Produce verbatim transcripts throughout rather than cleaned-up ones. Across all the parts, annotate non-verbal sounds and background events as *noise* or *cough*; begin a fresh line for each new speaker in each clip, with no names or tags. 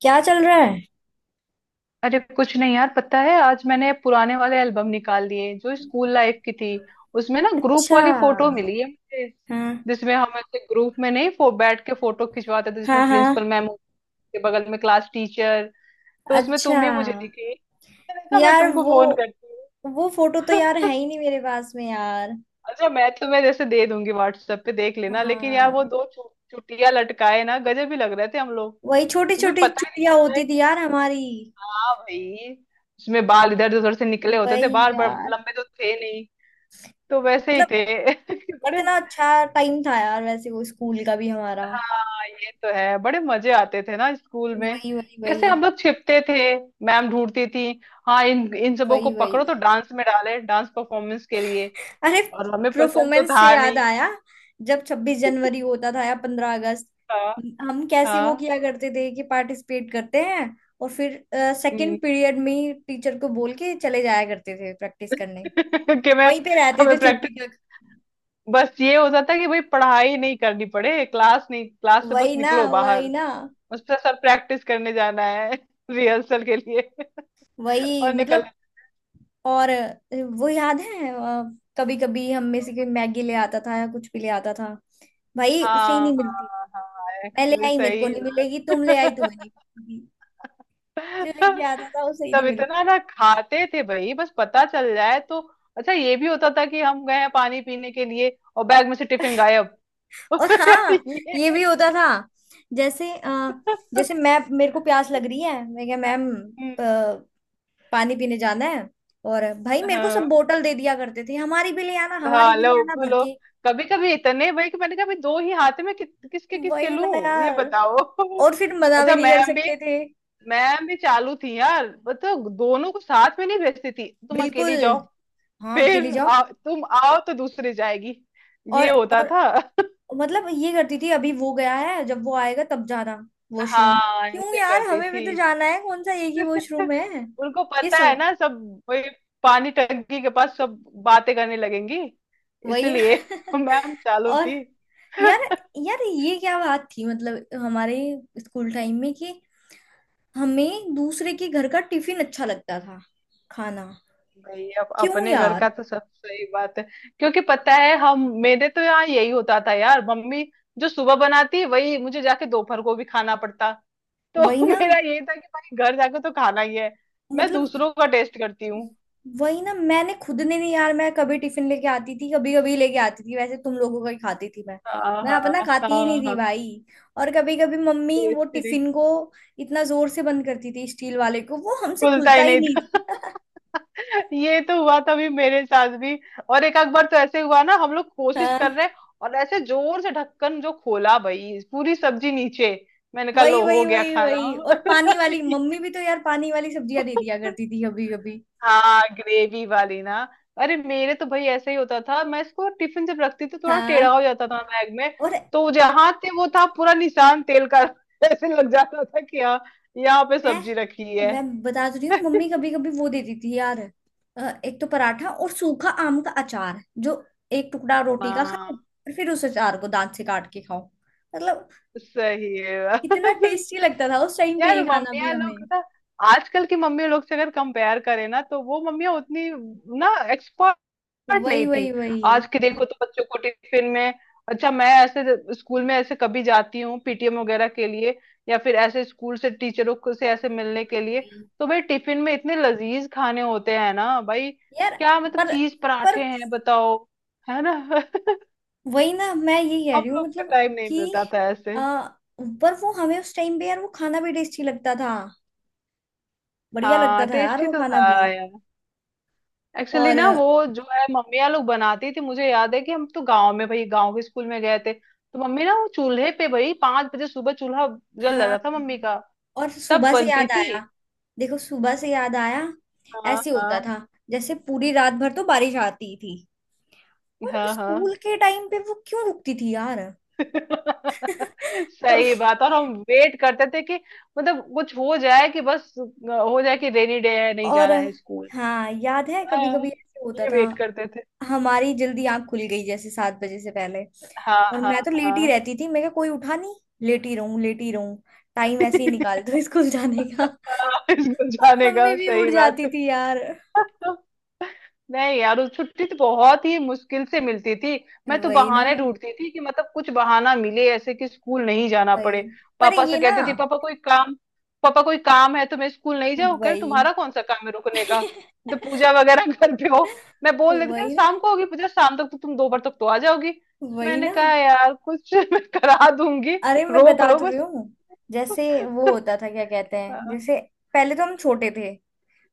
क्या चल रहा है?
अरे कुछ नहीं यार, पता है आज मैंने पुराने वाले एल्बम निकाल लिए जो स्कूल लाइफ की थी। उसमें ना ग्रुप
अच्छा।
वाली फोटो मिली है मुझे,
हाँ।
जिसमें हम ऐसे ग्रुप में नहीं फो, बैठ के फोटो खिंचवाते थे जिसमें
हाँ।
प्रिंसिपल
हाँ
मैम के बगल में क्लास टीचर। तो उसमें
अच्छा।
तुम भी मुझे दिखी, मैंने कहा मैं
यार
तुमको
वो
फोन करती
वो फोटो तो
हूँ।
यार है ही
*laughs*
नहीं मेरे पास में यार।
अच्छा, मैं तुम्हें जैसे दे दूंगी, व्हाट्सएप पे देख लेना। लेकिन यार
हाँ।
वो दो चु, चुटिया लटकाए ना गजब ही लग रहे थे हम लोग।
वही छोटी
उसमें
छोटी
पता ही नहीं
छुट्टियां
चल रहा
होती थी
है।
यार हमारी।
हाँ भाई, उसमें बाल इधर उधर से निकले होते थे,
वही
बाल बड़
यार।
लंबे तो थे नहीं, तो वैसे ही
मतलब।
थे। *laughs* बड़े।
कितना अच्छा टाइम था यार वैसे वो स्कूल का भी हमारा।
हाँ ये तो है, बड़े मजे आते थे ना स्कूल में।
वही वही
कैसे
वही,
हम लोग छिपते थे, मैम ढूंढती थी। हाँ, इन इन सबों को
वही
पकड़ो
वही।
तो डांस में डाले, डांस परफॉर्मेंस के लिए।
अरे।
और हमें पसंद तो
परफॉर्मेंस से
था
याद
नहीं।
आया। जब छब्बीस जनवरी
*laughs*
होता था या पंद्रह अगस्त।
हाँ
हम कैसे वो
हाँ।
किया करते थे कि पार्टिसिपेट करते हैं। और फिर
हम्म।
सेकंड पीरियड में ही टीचर को बोल के चले जाया करते थे प्रैक्टिस करने।
*laughs* कि मैं,
वहीं पे रहते थे
हमें प्रैक्टिस।
छुट्टी तक।
बस ये होता था कि भाई पढ़ाई नहीं करनी पड़े, क्लास नहीं, क्लास से बस
वही ना,
निकलो बाहर।
वही ना।
उस पर सर प्रैक्टिस करने जाना है, *laughs* रिहर्सल के लिए। *laughs*
वही
और निकल।
मतलब। और वो याद है। कभी कभी हम में से कोई मैगी ले आता था या कुछ भी ले आता था। भाई उसे ही
हाँ
नहीं मिलती।
हाँ हाँ,
मैं ले
एक्चुअली
आई मेरे को
सही
नहीं मिलेगी, तुम ले आई
बात।
तुम्हें नहीं
*laughs*
मिलेगी। जो लेके आता था वो सही
सब
नहीं मिलता।
इतना ना खाते थे भाई, बस पता चल जाए तो। अच्छा ये भी होता था कि हम गए हैं पानी पीने के लिए और बैग में से टिफिन गायब। *laughs*
और हाँ।
ये।
ये भी होता था। जैसे अ, जैसे मैं, मेरे को प्यास लग रही है, मैं क्या मैम,
हम्म,
प- पानी पीने जाना है। और भाई मेरे को
हाँ
सब बोतल दे दिया करते थे, हमारी भी ले आना, हमारी
हाँ
भी ले
लो
आना भर
बोलो।
के।
कभी कभी इतने भाई कि मैंने कहा भाई दो ही हाथ में कि, किसके किसके
वही ना
लूं ये
यार।
बताओ। *laughs*
और फिर मना भी
अच्छा
नहीं कर
मैम भी,
सकते थे।
मैम भी चालू थी यार। मतलब दोनों को साथ में नहीं भेजती थी, तुम
बिल्कुल।
अकेली जाओ।
हाँ अकेले
फिर
जाओ।
आ, तुम आओ तो दूसरी जाएगी,
और
ये होता
और
था।
मतलब ये करती थी, अभी वो गया है जब वो आएगा तब जाना। वॉशरूम।
हाँ
क्यों
ऐसे
यार,
करती
हमें भी
थी।
तो जाना है, कौन सा एक ही
*laughs*
वॉशरूम है।
उनको
ये
पता है
सम।
ना सब। वही, पानी टंकी के पास सब बातें करने लगेंगी,
वही ना।
इसलिए। *laughs* मैम चालू
और
थी।
यार, यार ये क्या बात थी मतलब हमारे स्कूल टाइम में कि हमें दूसरे के घर का टिफिन अच्छा लगता था, खाना।
भाई अब
क्यों
अपने घर
यार।
का तो सब सही बात है। क्योंकि पता है हम, मेरे तो यहाँ यही होता था यार, मम्मी जो सुबह बनाती वही मुझे जाके दोपहर को भी खाना पड़ता।
वही
तो *laughs*
ना
मेरा ये था कि भाई घर जाके तो खाना ही है, मैं
मतलब।
दूसरों का टेस्ट करती हूँ।
वही ना, मैंने खुद ने नहीं यार, मैं कभी टिफिन लेके आती थी, कभी कभी लेके आती थी, वैसे तुम लोगों का ही खाती थी मैं।
हाँ
मैं
हाँ
अपना खाती ही नहीं
हाँ
थी
हाँ।
भाई। और कभी कभी मम्मी वो
टेस्ट नहीं।
टिफिन को इतना जोर से बंद करती थी स्टील वाले को, वो हमसे
खुलता
खुलता
ही
ही
नहीं था।
नहीं
*laughs* ये तो हुआ था भी, मेरे साथ भी। और एक आध बार तो ऐसे हुआ ना, हम लोग
था।
कोशिश
हाँ।
कर रहे हैं और ऐसे जोर से ढक्कन जो खोला, भाई पूरी सब्जी नीचे। मैंने कहा
वही
लो
वही
हो गया
वही
खाना।
वही। और पानी वाली मम्मी भी तो यार, पानी वाली सब्जियां दे दिया
*laughs*
करती थी, अभी अभी।
हाँ ग्रेवी वाली ना। अरे मेरे तो भाई ऐसा ही होता था, मैं इसको टिफिन जब रखती थी थोड़ा टेढ़ा
हाँ।
हो जाता था बैग में।
और
तो जहाँ थे वो था पूरा निशान तेल का। *laughs* ऐसे लग जाता था कि हाँ, यहाँ पे
मैं
सब्जी रखी है।
मैं बता तो रही हूँ, मम्मी
*laughs*
कभी कभी वो देती थी यार। अ, एक तो पराठा और सूखा आम का अचार, जो एक टुकड़ा रोटी का
हाँ
खाओ और फिर उस अचार को दांत से काट के खाओ। मतलब।
सही है *laughs*
इतना
बात।
टेस्टी लगता था उस टाइम पे
यार
ये खाना भी
मम्मियाँ
हमें।
लोग ना, आजकल की मम्मी लोग से अगर कंपेयर करें ना, तो वो मम्मियाँ उतनी ना स्टार्ट नहीं
वही वही
थी।
वही
आज के देखो तो बच्चों को टिफिन में, अच्छा मैं ऐसे स्कूल में ऐसे कभी जाती हूँ पीटीएम वगैरह के लिए, या फिर ऐसे स्कूल से टीचरों को से ऐसे
वही
मिलने के लिए,
वही।
तो भाई टिफिन में इतने लजीज खाने होते हैं ना भाई।
यार
क्या मतलब
पर
चीज
पर
पराठे हैं, बताओ। है ना? *laughs*
वही ना, मैं यही कह
हम
रही हूँ,
लोग को
मतलब
टाइम नहीं
कि
मिलता था ऐसे।
आ, पर वो हमें उस टाइम पे यार वो खाना भी टेस्टी लगता था। बढ़िया लगता
हाँ
था यार
टेस्टी
वो
तो
खाना भी।
था यार। एक्चुअली
और
ना वो जो है मम्मियाँ लोग बनाती थी, मुझे याद है कि हम तो गांव में भाई, गांव के स्कूल में गए थे, तो मम्मी ना वो चूल्हे पे भाई पांच बजे सुबह चूल्हा जल
हाँ।
जाता था मम्मी का।
और
तब
सुबह से
बनती
याद
थी।
आया। देखो सुबह से याद आया।
हाँ
ऐसे होता
हाँ
था जैसे पूरी रात भर तो बारिश आती थी और
हाँ हाँ।
स्कूल के टाइम पे वो क्यों रुकती थी यार।
*laughs* सही
कभी।
बात। और हम वेट करते थे कि मतलब कुछ हो जाए कि बस हो जाए कि रेनी डे है, नहीं
और
जाना है स्कूल।
हाँ याद है कभी
हाँ,
कभी ऐसे होता
ये
था।
वेट करते थे।
हमारी जल्दी आंख खुल गई जैसे सात बजे से पहले।
हाँ
और
हाँ
मैं तो लेट ही
हाँ।
रहती थी, मेरे को कोई उठा नहीं। लेटी रहूं, लेटी रहूं। टाइम ऐसे ही निकाल
*laughs*
दो *laughs* स्कूल जाने का।
हाँ, स्कूल
पर
जाने
मम्मी
का
भी उठ
सही बात।
जाती थी यार।
नहीं यार, उस छुट्टी तो बहुत ही मुश्किल से मिलती थी। मैं तो
वही ना।
बहाने ढूंढती थी कि मतलब कुछ बहाना मिले ऐसे कि स्कूल नहीं जाना
वही।
पड़े।
पर
पापा
ये
से
ना।
कहती थी पापा कोई काम, पापा कोई काम है तो मैं स्कूल नहीं जाऊँ। कह रहे,
वही।
तुम्हारा कौन सा काम है रुकने का?
*laughs*
तो पूजा वगैरह *laughs* घर पे हो। मैं बोल देती, कह रहे
वही ना,
शाम को होगी पूजा, शाम तक तो तुम दो बार तक तो आ जाओगी।
वही
मैंने
ना।
कहा यार कुछ *laughs* मैं करा दूंगी,
अरे मैं
रोक
बता
लो
तो रही
बस।
हूँ। जैसे वो
*laughs*
होता था क्या कहते हैं,
हाँ,
जैसे पहले तो हम छोटे थे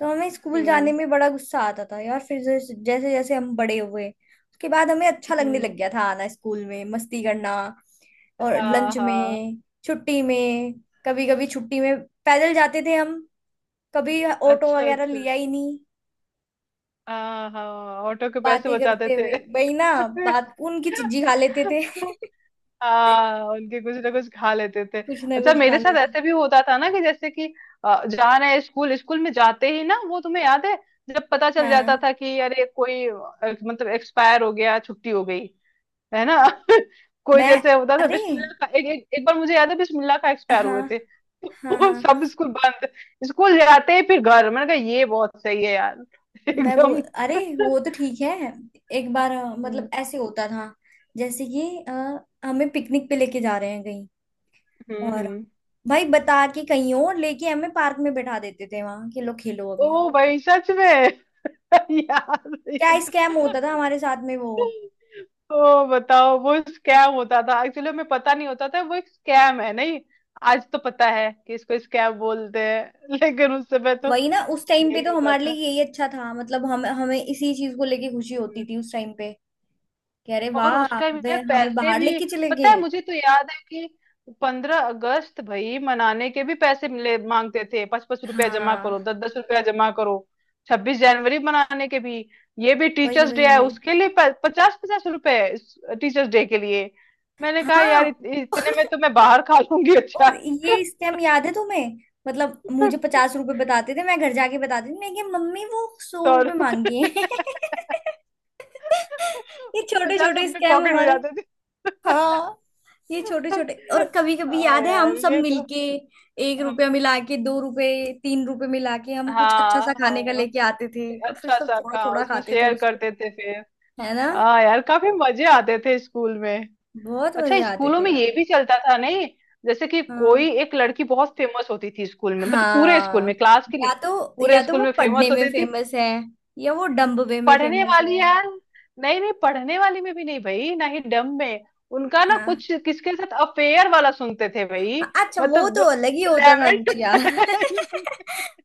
तो हमें स्कूल जाने
हम्म
में बड़ा गुस्सा आता था यार, फिर जैसे जैसे जैसे हम बड़े हुए उसके बाद हमें अच्छा लगने लग
हम्म।
गया था आना स्कूल में मस्ती करना। और
हाँ
लंच
हाँ।
में। छुट्टी में। कभी कभी छुट्टी में पैदल जाते थे हम। कभी ऑटो
अच्छा
वगैरह
अच्छा।
लिया ही नहीं।
हाँ हाँ। ऑटो के पैसे
बातें
बचाते
करते
थे।
हुए वही ना।
*laughs*
बात उनकी चिज्जी खा लेते थे।
हाँ उनके कुछ ना कुछ खा लेते थे।
*laughs* कुछ ना
अच्छा
कुछ खा
मेरे साथ
लेते।
ऐसे भी होता था ना, कि जैसे कि अ, जा रहे हैं स्कूल, स्कूल में जाते ही ना वो तुम्हें याद है, जब पता चल जाता
हाँ।
था कि अरे कोई अ, मतलब एक्सपायर हो गया, छुट्टी हो गई, है ना। *laughs* कोई
मैं।
जैसे होता था
अरे।
बिस्मिल्लाह का, एक, एक, एक बार मुझे याद है बिस्मिल्लाह का एक्सपायर
हाँ
हुए थे। *laughs*
हाँ
वो
हाँ।
सब स्कूल बंद। स्कूल जाते ही फिर घर, मैंने कहा ये बहुत सही है यार। *laughs*
मैं वो।
एकदम।
अरे वो तो ठीक है। एक बार अ, मतलब
*laughs*
ऐसे होता था, जैसे कि अ, हमें पिकनिक पे लेके जा रहे हैं कहीं,
हम्म
और
हम्म।
भाई बता के कहीं और लेके हमें पार्क में बैठा देते थे वहां कि लो खेलो अभी यहाँ।
ओ भाई सच में। *laughs* यार
क्या
ये
स्कैम होता था हमारे साथ में वो।
तो, ओ बताओ वो स्कैम होता था, एक्चुअली में पता नहीं होता था वो एक स्कैम है नहीं। आज तो पता है कि इसको स्कैम बोलते हैं, *laughs* लेकिन उस समय तो
वही ना, उस टाइम पे
यही
तो
होता
हमारे लिए
था।
यही अच्छा था, मतलब हम हमें इसी चीज को लेके खुशी होती थी उस टाइम पे, कि अरे
और उस
वाह,
टाइम
वे
यार
हमें
पैसे
बाहर
भी,
लेके चले
पता है
गए।
मुझे तो याद है कि पंद्रह अगस्त भाई मनाने के भी पैसे मिले मांगते थे, पाँच पाँच रुपया जमा करो,
हाँ
दस दस रुपया जमा करो। छब्बीस जनवरी मनाने के भी, ये भी
वही
टीचर्स डे
वही
है
वही।
उसके लिए पचास पचास रुपए टीचर्स डे के लिए। मैंने कहा यार
हाँ।
इत, इतने में तो
*laughs*
मैं बाहर खा लूंगी अच्छा।
और ये स्कैम याद है तुम्हें। मतलब मुझे
*laughs*
पचास रुपए बताते थे, मैं घर जाके बताती थी मैं कि मम्मी वो सौ
सौ।
रुपए
*laughs*
मांगी है। *laughs* ये छोटे
पचास
छोटे
अपने
स्कैम
पॉकेट में
हमारे।
जाते थे।
हाँ। ये छोटे छोटे। और
*laughs*
कभी कभी
हाँ
याद है, हम
यार
सब
ये तो।
मिलके एक
हाँ
रुपया मिला के, दो रुपए, तीन रुपए मिला के हम कुछ अच्छा सा खाने का
हाँ,
लेके आते थे और फिर
अच्छा
सब
सा
थोड़ा
हाँ,
थोड़ा
उसमें
खाते थे
शेयर
उसको।
करते थे फिर।
है ना।
हाँ यार, काफी मजे आते थे स्कूल में।
बहुत
अच्छा
मजे आते
स्कूलों
थे
में ये
यार।
भी चलता था नहीं, जैसे कि कोई
हाँ
एक लड़की बहुत फेमस होती थी स्कूल में, मतलब पूरे स्कूल
हाँ।
में, क्लास की
या
नहीं,
तो,
पूरे
या तो
स्कूल
वो
में
पढ़ने
फेमस
में
होती थी।
फेमस है या वो डम्बवे में
पढ़ने
फेमस
वाली
है।
यार? नहीं नहीं, पढ़ने वाली में भी नहीं भाई, ना ही डम में। उनका ना
हाँ।
कुछ किसके साथ अफेयर वाला सुनते थे भाई।
अच्छा वो
मतलब
तो
जो
अलग ही होता था कुछ
इलेवन
यार। *laughs*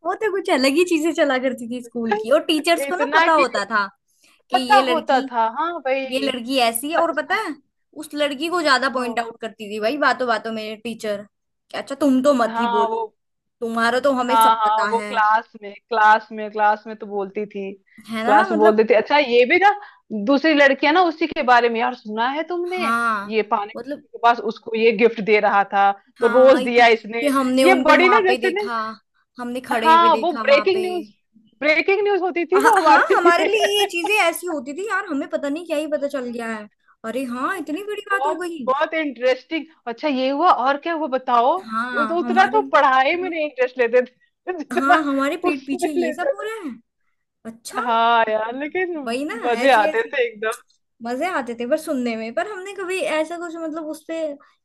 वो तो कुछ अलग ही चीजें चला करती थी स्कूल की, और टीचर्स
*laughs*
को ना
इतना
पता
कि
होता था कि
पता
ये
होता
लड़की,
था हाँ भाई।
ये लड़की ऐसी है, और पता है उस लड़की को ज्यादा
हाँ
पॉइंट आउट करती थी भाई बातों बातों में टीचर, कि अच्छा तुम तो मत ही
हाँ वो।
बोलो, तुम्हारा तो हमें
हाँ
सब
हाँ
पता
वो
है।
क्लास में, क्लास में, क्लास में तो बोलती थी।
है ना
क्लास में
मतलब।
बोलती थी। अच्छा ये भी ना, दूसरी लड़कियां ना उसी के बारे में यार, सुना है तुमने,
हाँ
ये पानी
मतलब।
के पास उसको ये गिफ्ट दे रहा था, तो
हाँ
रोज
आई थी।
दिया इसने,
कि हमने
ये
उनको
बड़ी
वहां
ना
पे
जैसे ने।
देखा। हमने खड़े हुए
हाँ वो
देखा वहां
ब्रेकिंग
पे।
न्यूज, ब्रेकिंग न्यूज होती थी
हाँ
वो
हाँ,
हमारे
हमारे
लिए।
लिए ये
*laughs*
चीजें ऐसी होती थी यार, हमें पता नहीं क्या ही पता चल गया है। अरे हाँ, इतनी बड़ी बात हो
बहुत
गई।
बहुत इंटरेस्टिंग। अच्छा ये हुआ और क्या हुआ, बताओ। ये
हाँ
तो उतना
हमारे।
तो पढ़ाई में नहीं इंटरेस्ट लेते थे *laughs* जितना
हाँ हमारे पीठ
उसमें
पीछे ये सब
लेते।
हो रहा है। अच्छा।
हाँ यार लेकिन
वही ना।
मजे
ऐसी
आते
ऐसी।
थे एकदम।
मजे आते थे पर सुनने में, पर हमने कभी ऐसा कुछ मतलब उस पे।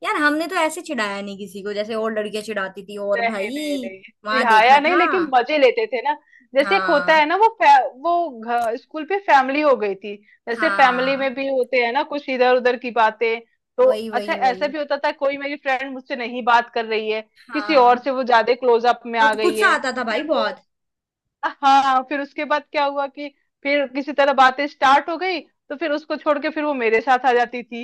यार हमने तो ऐसे चिढ़ाया नहीं किसी को, जैसे और लड़कियां चिढ़ाती थी और
नहीं नहीं
भाई।
नहीं,
वहां
चिढ़ाया
देखा
नहीं
था।
लेकिन मजे लेते थे ना। जैसे एक होता
हाँ
है ना, वो फै, वो घ- स्कूल पे फैमिली हो गई थी। जैसे फैमिली
हाँ।
में भी होते हैं ना कुछ इधर उधर की बातें, तो
वही
अच्छा
वही
ऐसा
वही।
भी होता था, कोई मेरी फ्रेंड मुझसे नहीं बात कर रही है, किसी और से
हाँ।
वो ज्यादा क्लोज अप में
और
आ
तो
गई
गुस्सा
है।
आता था भाई
फिर वो,
बहुत।
हाँ फिर उसके बाद क्या हुआ कि फिर किसी तरह बातें स्टार्ट हो गई, तो फिर उसको छोड़ के फिर वो मेरे साथ आ जाती थी।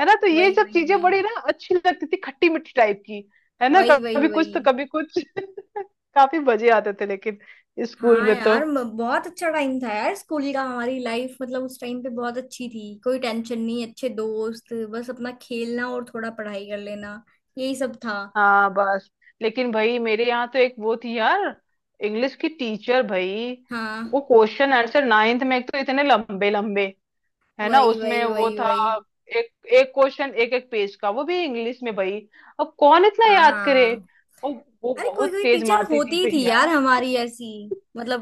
है ना, तो ये
वही
सब
वही
चीजें
वही,
बड़ी ना अच्छी लगती थी, खट्टी मीठी टाइप की। है ना,
वही वही
कभी कुछ
वही।
तो कभी कुछ। *laughs* काफी मजे आते थे लेकिन, स्कूल
हाँ
में तो।
यार, म- बहुत अच्छा टाइम था यार स्कूल का, हमारी लाइफ मतलब उस टाइम पे बहुत अच्छी थी, कोई टेंशन नहीं, अच्छे दोस्त, बस अपना खेलना और थोड़ा पढ़ाई कर लेना। यही सब था।
हाँ बस। लेकिन भाई मेरे यहाँ तो एक वो थी यार, इंग्लिश की टीचर भाई,
हाँ।
वो क्वेश्चन आंसर नाइन्थ में, एक तो इतने लंबे लंबे, है ना
वही
उसमें
वही
वो
वही
था,
वही।
एक एक क्वेश्चन एक एक पेज का, वो भी इंग्लिश में भाई, अब कौन इतना याद करे।
हाँ,
और वो
अरे कोई
बहुत
कोई
तेज
टीचर
मारती थी
होती ही थी
भैया।
यार हमारी ऐसी। मतलब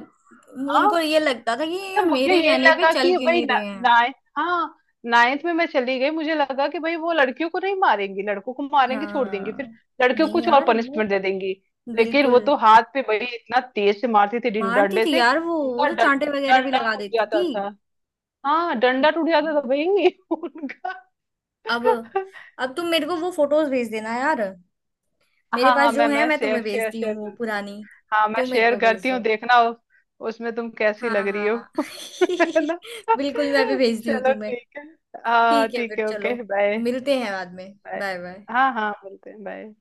हाँ।
उनको ये लगता था कि ये
मतलब मुझे
मेरे
ये
कहने पे
लगा
चल
कि
क्यों
भाई
नहीं रहे हैं।
नाइन्थ, हाँ नाइन्थ में मैं चली गई, मुझे लगा कि भाई वो लड़कियों को नहीं मारेंगी, लड़कों को मारेंगे, छोड़ देंगी फिर
हाँ।
लड़कियों को
नहीं
कुछ और
यार
पनिशमेंट
वो।
दे देंगी। लेकिन वो
बिल्कुल।
तो हाथ पे भाई इतना तेज से मारती थी, डिं-
मारती
डंडे
थी
से,
यार वो वो
उनका
तो
डं-
चांटे वगैरह भी
डंडा
लगा
टूट
देती
जाता
थी।
था। हाँ डंडा टूट जाता था
हम्म।
भाई। *laughs* उनका।
अब। अब तुम मेरे को वो फोटोज भेज देना यार। मेरे
हाँ
पास
हाँ
जो
मैं
है
मैं
मैं
शेयर
तुम्हें
शेयर
भेजती हूँ,
शेयर
वो
करती हूँ।
पुरानी।
हाँ मैं
तुम मेरे
शेयर
को भेज
करती हूँ,
दो।
देखना उस, उसमें तुम कैसी
हाँ
लग रही हो।
हाँ।
*laughs*
*laughs*
है ना?
बिल्कुल मैं भी भेजती हूँ
चलो
तुम्हें।
ठीक है। हाँ
ठीक है
ठीक
फिर
है ओके
चलो।
बाय।
मिलते हैं बाद में।
Bye,
bye bye.
हाँ हाँ मिलते हैं, बाय।